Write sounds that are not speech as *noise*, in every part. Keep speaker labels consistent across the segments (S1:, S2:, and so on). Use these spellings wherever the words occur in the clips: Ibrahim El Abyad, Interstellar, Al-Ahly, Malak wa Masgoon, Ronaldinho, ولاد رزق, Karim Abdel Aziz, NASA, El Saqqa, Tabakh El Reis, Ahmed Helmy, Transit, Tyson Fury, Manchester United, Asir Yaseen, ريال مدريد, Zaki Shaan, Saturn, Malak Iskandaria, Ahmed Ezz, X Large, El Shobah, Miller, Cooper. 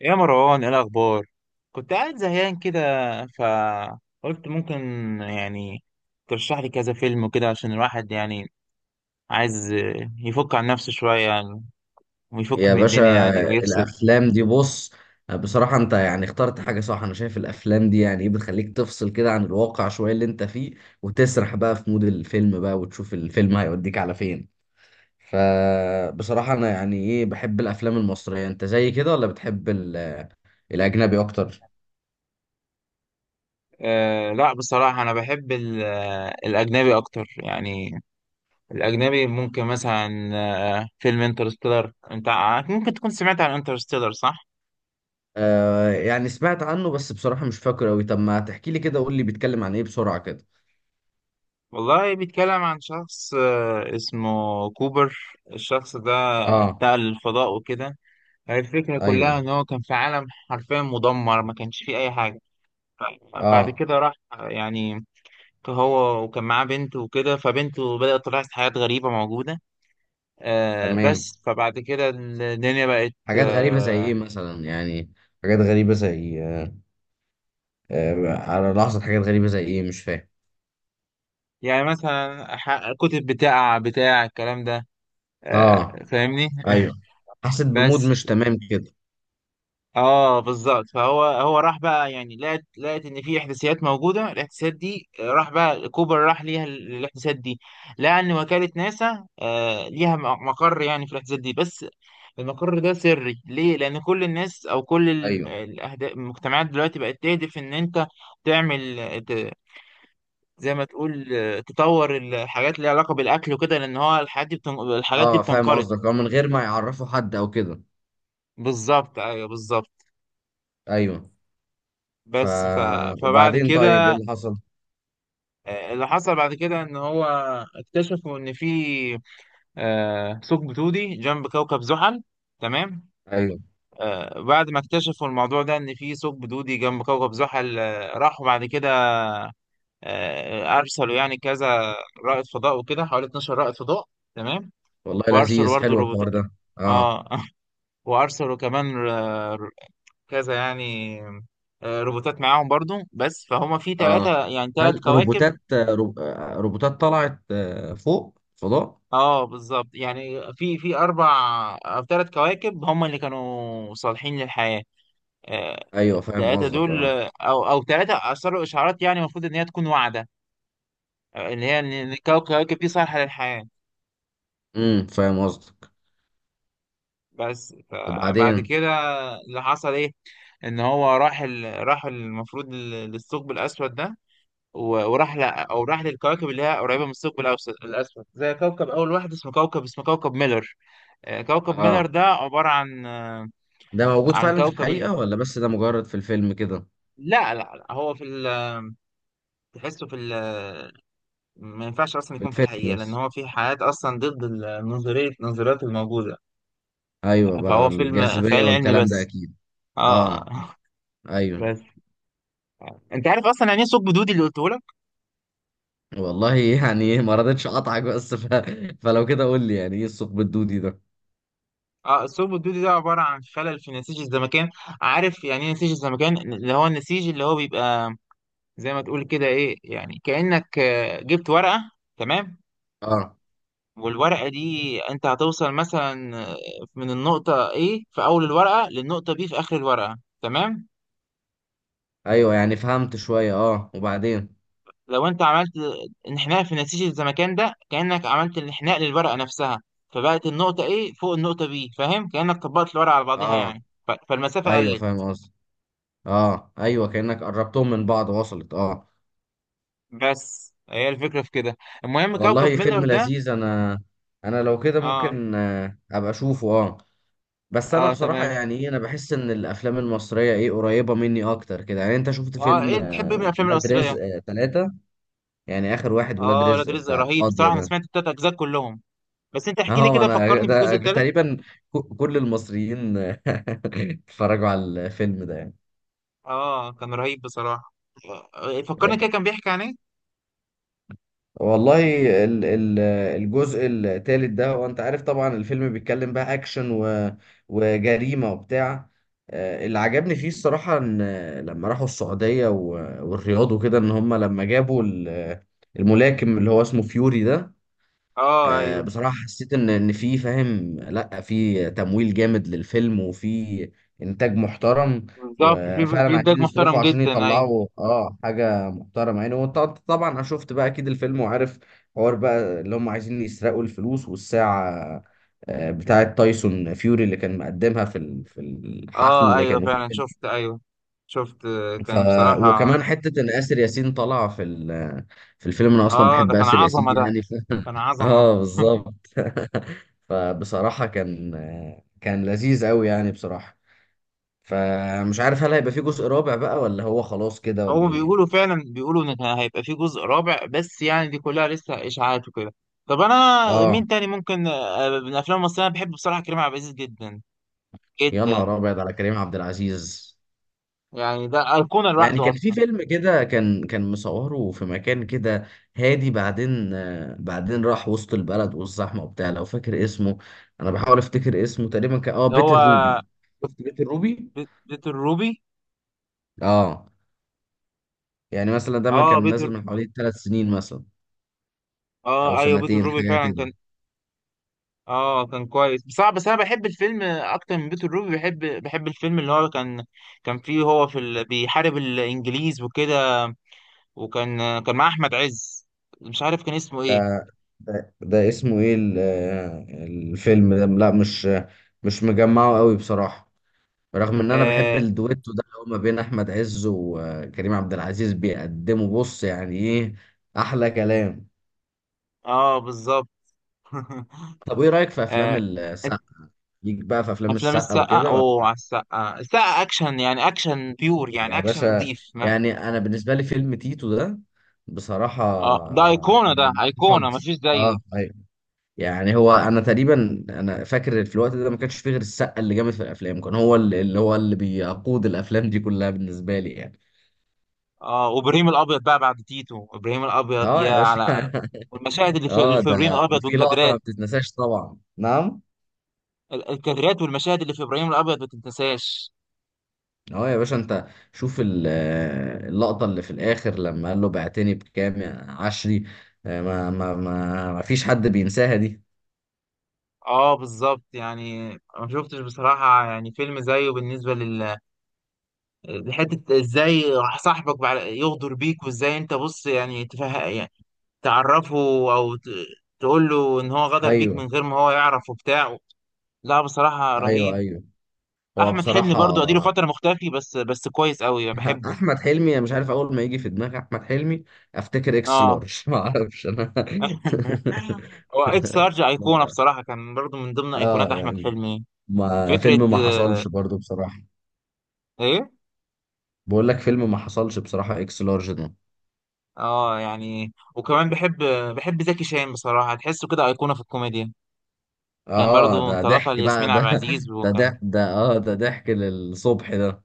S1: يا مروان ايه الاخبار؟ كنت قاعد زهقان كده، فقلت ممكن يعني ترشح لي كذا فيلم وكده عشان الواحد يعني عايز يفك عن نفسه شويه يعني، ويفك
S2: يا
S1: من
S2: باشا،
S1: الدنيا يعني ويفصل.
S2: الافلام دي، بص، بصراحة انت يعني اخترت حاجة صح. انا شايف الافلام دي يعني ايه بتخليك تفصل كده عن الواقع شوية اللي انت فيه، وتسرح بقى في مود الفيلم بقى وتشوف الفيلم هيوديك على فين. فبصراحة انا يعني ايه بحب الافلام المصرية. انت زي كده ولا بتحب الاجنبي اكتر؟
S1: أه، لا بصراحه انا بحب الاجنبي اكتر يعني. الاجنبي ممكن مثلا فيلم انترستيلر. انت ممكن تكون سمعت عن انترستيلر، صح؟
S2: آه، يعني سمعت عنه بس بصراحة مش فاكر اوي. طب ما تحكي لي كده، قول لي بيتكلم عن ايه بسرعة كده.
S1: والله بيتكلم عن شخص اسمه كوبر. الشخص ده
S2: اه.
S1: انتقل للفضاء وكده. الفكرة
S2: ايوه.
S1: كلها إن هو كان في عالم حرفيا مدمر، ما كانش فيه أي حاجة. بعد
S2: اه،
S1: كده راح يعني هو، وكان معاه بنته وكده، فبنته بدأت تلاحظ حاجات غريبة موجودة.
S2: تمام.
S1: بس فبعد كده الدنيا بقت
S2: حاجات غريبة زي ايه مثلا يعني؟ حاجات غريبة زي على لحظة، حاجات غريبة زي ايه مش فاهم؟
S1: يعني مثلا كتب بتاع الكلام ده،
S2: اه،
S1: آه، فاهمني؟ *laughs*
S2: ايوه. حسيت بمود
S1: بس
S2: مش تمام كده.
S1: اه بالظبط. فهو راح بقى يعني لقت ان في احداثيات موجوده. الاحداثيات دي راح بقى كوبر راح ليها الاحداثيات دي. لقى ان وكاله ناسا آه ليها مقر يعني في الاحداثيات دي. بس المقر ده سري ليه؟ لان كل الناس او كل
S2: ايوه،
S1: المجتمعات دلوقتي بقت تهدف ان انت تعمل زي ما تقول تطور الحاجات اللي ليها علاقه بالاكل وكده، لان هو الحاجات دي الحاجات دي
S2: اه فاهم
S1: بتنقرض.
S2: قصدك. اه، من غير ما يعرفوا حد او كده.
S1: بالظبط ايوه، بالظبط.
S2: ايوه. ف
S1: بس ف... فبعد
S2: وبعدين طيب،
S1: كده
S2: ايه اللي حصل؟
S1: اللي حصل بعد كده ان هو اكتشفوا ان في ثقب دودي جنب كوكب زحل. تمام.
S2: ايوه.
S1: بعد ما اكتشفوا الموضوع ده ان في ثقب دودي جنب كوكب زحل، راحوا بعد كده ارسلوا يعني كذا رائد فضاء وكده، حوالي 12 رائد فضاء. تمام.
S2: والله
S1: وارسلوا
S2: لذيذ،
S1: برضه
S2: حلو
S1: روبوت.
S2: الحوار ده. اه.
S1: اه *laughs* وارسلوا كمان كذا يعني روبوتات معاهم برضو. بس فهم في
S2: اه،
S1: ثلاثة يعني ثلاث
S2: هل
S1: كواكب.
S2: روبوتات آه، رو... آه، روبوتات طلعت فوق فضاء؟
S1: اه بالظبط، يعني في اربع او ثلاث كواكب هم اللي كانوا صالحين للحياه. آه،
S2: ايوه فاهم
S1: التلاتة
S2: قصدك،
S1: دول
S2: اه.
S1: او ثلاثه ارسلوا اشعارات يعني المفروض ان هي تكون واعده، اللي هي ان إن الكواكب دي صالحه للحياه.
S2: امم، فاهم قصدك.
S1: بس فبعد
S2: وبعدين؟
S1: كده اللي حصل ايه؟ ان هو راح المفروض للثقب الاسود ده، وراح او راح للكواكب اللي هي قريبه من الاسود، زي كوكب اول واحد اسمه كوكب ميلر. كوكب ميلر
S2: اه،
S1: ده عباره عن
S2: ده موجود
S1: عن
S2: فعلا في
S1: كوكب ال...
S2: الحقيقة ولا بس ده مجرد في الفيلم كده؟
S1: لا لا لا، هو في ال... تحسه في ال... ما ينفعش اصلا
S2: في
S1: يكون في
S2: الفيلم
S1: الحقيقه، لان
S2: بس.
S1: هو في حياه اصلا ضد ال- نظريه النظريات الموجوده.
S2: ايوه بقى،
S1: فهو فيلم
S2: الجاذبية
S1: خيال علمي
S2: والكلام ده
S1: بس.
S2: اكيد. اه،
S1: اه *laughs*
S2: ايوه.
S1: بس انت عارف اصلا يعني ايه ثقب دودي اللي قلته لك؟
S2: والله *laughs* يعني ما رضيتش اقطعك بس *laughs* فلو كده قول لي، يعني ايه الثقب الدودي ده؟
S1: اه، الثقب الدودي ده عباره عن خلل في نسيج الزمكان. عارف يعني ايه نسيج الزمكان؟ اللي هو النسيج اللي هو بيبقى زي ما تقول كده ايه، يعني كانك جبت ورقه. تمام.
S2: اه،
S1: والورقة دي انت هتوصل مثلا من النقطة A في أول الورقة، للنقطة B في آخر الورقة. تمام؟
S2: ايوه، يعني فهمت شوية، اه. وبعدين؟
S1: لو انت عملت انحناء في نسيج الزمكان ده، كأنك عملت الانحناء للورقة نفسها. فبقت النقطة A فوق النقطة B، فاهم؟ كأنك طبقت الورقة على بعضيها
S2: اه،
S1: يعني، فالمسافة
S2: ايوه
S1: قلت.
S2: فاهم قصدي. اه، ايوه، كأنك قربتهم من بعض وصلت، اه.
S1: بس هي الفكرة في كده. المهم كوكب
S2: والله
S1: ميلر
S2: فيلم
S1: ده.
S2: لذيذ. انا لو كده
S1: اه،
S2: ممكن ابقى اشوفه، اه. بس انا
S1: اه
S2: بصراحه
S1: تمام.
S2: يعني ايه انا بحس ان الافلام المصريه ايه قريبه مني اكتر كده يعني. انت شفت
S1: اه
S2: فيلم
S1: ايه بتحب ايه من الأفلام
S2: ولاد
S1: المصرية؟
S2: رزق 3؟ يعني اخر واحد ولاد
S1: اه، ولاد
S2: رزق
S1: رزق
S2: بتاع
S1: رهيب
S2: القاضيه
S1: بصراحة. أنا
S2: ده.
S1: سمعت التلات أجزاء كلهم، بس انت
S2: *laughs*
S1: احكي لي
S2: اه،
S1: كده،
S2: انا
S1: فكرني بالجزء
S2: ده
S1: التالت.
S2: تقريبا كل المصريين *laughs* اتفرجوا على الفيلم ده يعني.
S1: اه كان رهيب بصراحة. فكرني كده، كان بيحكي عن ايه؟
S2: والله، ال- ال- الجزء الثالث ده، وانت عارف طبعا الفيلم بيتكلم بقى اكشن وجريمة وبتاع. اللي عجبني فيه الصراحة، ان لما راحوا السعودية والرياض وكده، ان هم لما جابوا الملاكم اللي هو اسمه فيوري ده.
S1: اه ايوه،
S2: بصراحة حسيت ان في، فاهم، لا في تمويل جامد للفيلم وفي انتاج محترم.
S1: بالظبط، في
S2: وفعلا
S1: انتاج
S2: عايزين يصرفوا
S1: محترم
S2: عشان
S1: جدا، ايوه.
S2: يطلعوا اه حاجة محترمة يعني. وانت طبعا انا شفت بقى اكيد الفيلم، وعارف حوار بقى اللي هم عايزين يسرقوا الفلوس والساعة بتاعة تايسون فيوري اللي كان مقدمها في الحفل
S1: اه
S2: اللي
S1: ايوه
S2: كانوا فيه.
S1: فعلا شفت، ايوه. شفت
S2: ف
S1: كان
S2: وكمان
S1: بصراحة.
S2: حته ان اسر ياسين طالعه في الفيلم. انا اصلا
S1: اه ده
S2: بحب
S1: كان
S2: اسر
S1: عظمة
S2: ياسين
S1: ده،
S2: يعني
S1: كان
S2: *laughs*
S1: عظمة.
S2: اه، بالظبط. *laughs* فبصراحه كان لذيذ قوي يعني بصراحه. فمش عارف هل هيبقى فيه جزء رابع بقى، ولا هو خلاص كده، ولا
S1: هو
S2: ايه؟
S1: بيقولوا فعلا، بيقولوا ان كان هيبقى في جزء رابع، بس يعني دي كلها لسه اشاعات وكده. طب انا
S2: اه،
S1: مين تاني ممكن من الافلام المصرية؟ انا بحب بصراحة كريم عبد العزيز جدا
S2: يا
S1: جدا،
S2: نهار ابيض على كريم عبد العزيز.
S1: يعني ده أيقونة
S2: يعني
S1: لوحده
S2: كان في
S1: اصلا.
S2: فيلم كده، كان مصوره في مكان كده. هادي، بعدين بعدين راح وسط البلد والزحمه وبتاع، لو فاكر اسمه. انا بحاول افتكر اسمه، تقريبا كان اه
S1: ده
S2: بيت
S1: هو
S2: الروبي. شفت بيت الروبي؟
S1: بيت الروبي.
S2: اه، يعني مثلا ده ما
S1: اه
S2: كان
S1: بيت،
S2: نازل من حوالي 3 سنين مثلا، او
S1: اه ايوه بيت
S2: سنتين
S1: الروبي
S2: حاجه
S1: فعلا
S2: كده.
S1: كان، اه كان كويس. بس انا بحب الفيلم اكتر من بيت الروبي، بحب الفيلم اللي هو كان، كان فيه هو في ال... بيحارب الانجليز وكده. وكان مع احمد عز، مش عارف كان اسمه ايه.
S2: ده ده اسمه ايه الفيلم ده؟ لا، مش مجمعه قوي بصراحه. رغم ان انا بحب
S1: اه،
S2: الدويتو ده اللي هو ما بين احمد عز وكريم عبد العزيز، بيقدموا بص يعني ايه؟ احلى كلام.
S1: آه بالظبط.
S2: طب ايه
S1: *laughs*
S2: رايك في افلام
S1: آه، أنت-
S2: السقا؟ ليك بقى في افلام
S1: افلام
S2: السقا
S1: السقا،
S2: وكده
S1: اوه
S2: ولا؟
S1: على السقا، السقا اكشن يعني، اكشن بيور يعني،
S2: يا
S1: اكشن
S2: باشا،
S1: نظيف ما...
S2: يعني انا بالنسبه لي فيلم تيتو ده بصراحه
S1: اه ده ايقونه، ده
S2: يعني
S1: ايقونه
S2: مفضل.
S1: مفيش
S2: اه،
S1: زيه.
S2: ايوه. يعني هو انا تقريبا انا فاكر في الوقت ده ما كانش فيه غير السقا اللي جامد في الافلام، كان هو اللي بيقود الافلام دي كلها بالنسبه لي يعني.
S1: اه، وابراهيم الابيض بقى بعد تيتو، ابراهيم الابيض
S2: اه،
S1: يا
S2: يا باشا.
S1: على. والمشاهد
S2: *laughs*
S1: اللي في,
S2: اه،
S1: اللي في ابراهيم
S2: ده
S1: الابيض
S2: وفي لقطة ما
S1: والكادرات،
S2: بتتنساش طبعا، نعم.
S1: الكادرات والمشاهد اللي في ابراهيم الابيض ما تنتساش.
S2: اه، يا باشا. انت شوف اللقطة اللي في الآخر لما قال له بعتني بكام يا عشري. ما فيش حد بينساها دي.
S1: اه بالظبط يعني. ما شفتش بصراحه يعني فيلم زيه بالنسبه لل، لحته ازاي صاحبك يغدر بيك، وازاي انت بص يعني يعني تعرفه او ت... تقول له ان هو غدر بيك
S2: ايوه،
S1: من غير ما هو يعرف وبتاع. لا بصراحه
S2: ايوه،
S1: رهيب.
S2: ايوه. هو
S1: احمد حلمي
S2: بصراحة.
S1: برضو اديله فتره مختفي، بس كويس قوي
S2: *laughs*
S1: بحبه.
S2: احمد حلمي، مش عارف، اول ما يجي في دماغي احمد حلمي افتكر اكس
S1: اه
S2: لارج. *laughs* ما اعرفش انا. *laughs*
S1: *laughs* هو اكس لارج ايقونه بصراحه، كان برضو من ضمن
S2: اه،
S1: ايقونات احمد
S2: يعني
S1: حلمي.
S2: ما
S1: فكره
S2: فيلم ما حصلش برضو بصراحة.
S1: ايه.
S2: بقول لك، فيلم ما حصلش بصراحة اكس لارج ده.
S1: اه يعني وكمان بحب، بحب زكي شان بصراحه، تحسه كده ايقونه في الكوميديا. كان
S2: اه،
S1: برضو
S2: ده
S1: انطلاقه
S2: ضحك بقى
S1: لياسمين عبد
S2: ده.
S1: العزيز
S2: ده
S1: وكان.
S2: ضحك ده. اه، ده ضحك للصبح ده.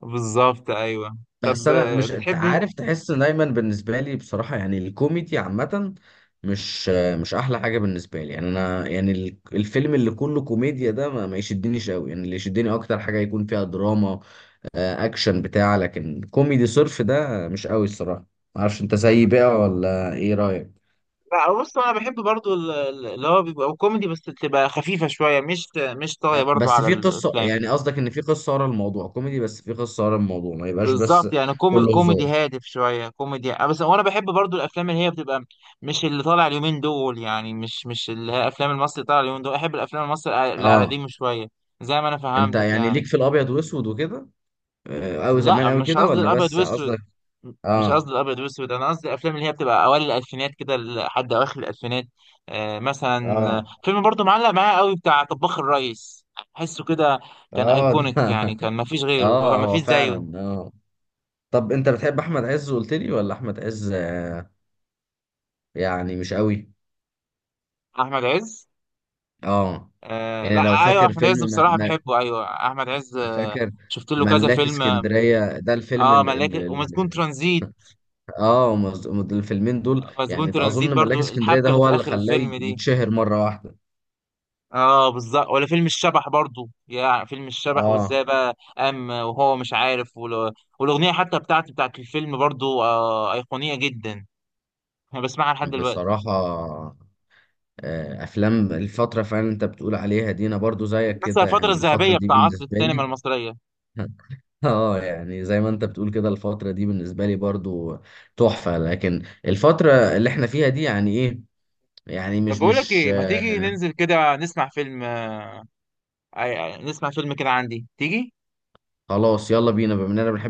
S1: بالظبط ايوه.
S2: بس
S1: طب
S2: انا مش، انت
S1: بتحب،
S2: عارف، تحس دايما بالنسبه لي بصراحه يعني الكوميدي عامه مش مش احلى حاجه بالنسبه لي يعني انا يعني الفيلم اللي كله كوميديا ده ما يشدنيش قوي يعني، اللي يشدني اكتر حاجه يكون فيها دراما. آه، اكشن بتاع، لكن كوميدي صرف ده مش قوي الصراحه. معرفش، انت زيي بقى ولا ايه رايك؟
S1: لا بص انا بحب برضو اللي هو بيبقى كوميدي بس تبقى خفيفه شويه، مش طاغيه برضو
S2: بس
S1: على
S2: في قصة
S1: الافلام.
S2: يعني، قصدك ان في قصة ورا الموضوع كوميدي، بس في قصة ورا الموضوع ما يبقاش بس.
S1: بالظبط يعني،
S2: كله هزار.
S1: كوميدي هادف شويه، كوميدي بس. وانا بحب برضو الافلام اللي هي بتبقى، مش اللي طالع اليومين دول يعني، مش اللي هي افلام المصري طالع اليومين دول. احب الافلام المصري اللي على
S2: اه.
S1: ديمه شويه، زي ما انا
S2: انت
S1: فهمتك
S2: يعني ليك
S1: يعني.
S2: في الابيض واسود وكده، او زمان
S1: لا
S2: اوي
S1: مش
S2: كده،
S1: قصدي
S2: ولا
S1: الابيض
S2: بس
S1: واسود،
S2: قصدك؟
S1: مش
S2: اه،
S1: قصدي الابيض واسود. انا قصدي الافلام اللي هي بتبقى اوائل الالفينات كده لحد اواخر الالفينات. آه مثلا
S2: اه،
S1: فيلم برضو معلق معايا قوي بتاع طباخ الريس. احسه كده كان
S2: اه. *laughs*
S1: ايكونيك يعني،
S2: ده
S1: كان مفيش غيره،
S2: اه هو
S1: مفيش زيه.
S2: فعلا، اه. طب انت بتحب احمد عز، قلت لي، ولا احمد عز يعني مش قوي؟
S1: احمد عز،
S2: اه،
S1: آه لا،
S2: يعني لو
S1: ايوه
S2: فاكر
S1: احمد عز
S2: فيلم
S1: بصراحه بحبه، ايوه احمد عز
S2: فاكر
S1: شفت له كذا
S2: ملاكي
S1: فيلم، اه.
S2: اسكندرية ده الفيلم
S1: ملاك ومسجون ترانزيت،
S2: ال... اه، الفيلمين دول
S1: مسجون
S2: يعني
S1: ترانزيت
S2: اظن ملاك
S1: برضو
S2: اسكندريه
S1: الحبكه
S2: ده
S1: اللي
S2: هو
S1: في
S2: اللي
S1: اخر
S2: خلاه
S1: الفيلم دي،
S2: يتشهر مره واحده.
S1: اه بالظبط. ولا فيلم الشبح برضو، يا فيلم الشبح
S2: اه،
S1: وازاي بقى قام وهو مش عارف والاغنيه حتى بتاعت الفيلم برضو آه ايقونيه جدا، انا بسمعها لحد دلوقتي.
S2: بصراحه. افلام الفتره فعلا انت بتقول عليها دي، انا برضو زيك
S1: بس
S2: كده
S1: الفتره
S2: يعني الفتره
S1: الذهبيه
S2: دي
S1: بتاع عصر
S2: بالنسبه
S1: السينما
S2: لي.
S1: المصريه.
S2: *laughs* اه، يعني زي ما انت بتقول كده الفتره دي بالنسبه لي برضو تحفه. لكن الفتره اللي احنا فيها دي يعني ايه يعني
S1: طب
S2: مش
S1: بقول لك
S2: مش
S1: ايه، ما تيجي
S2: آه
S1: ننزل كده نسمع فيلم نسمع فيلم كده عندي، تيجي؟
S2: خلاص يلا بينا، بما اننا بنحب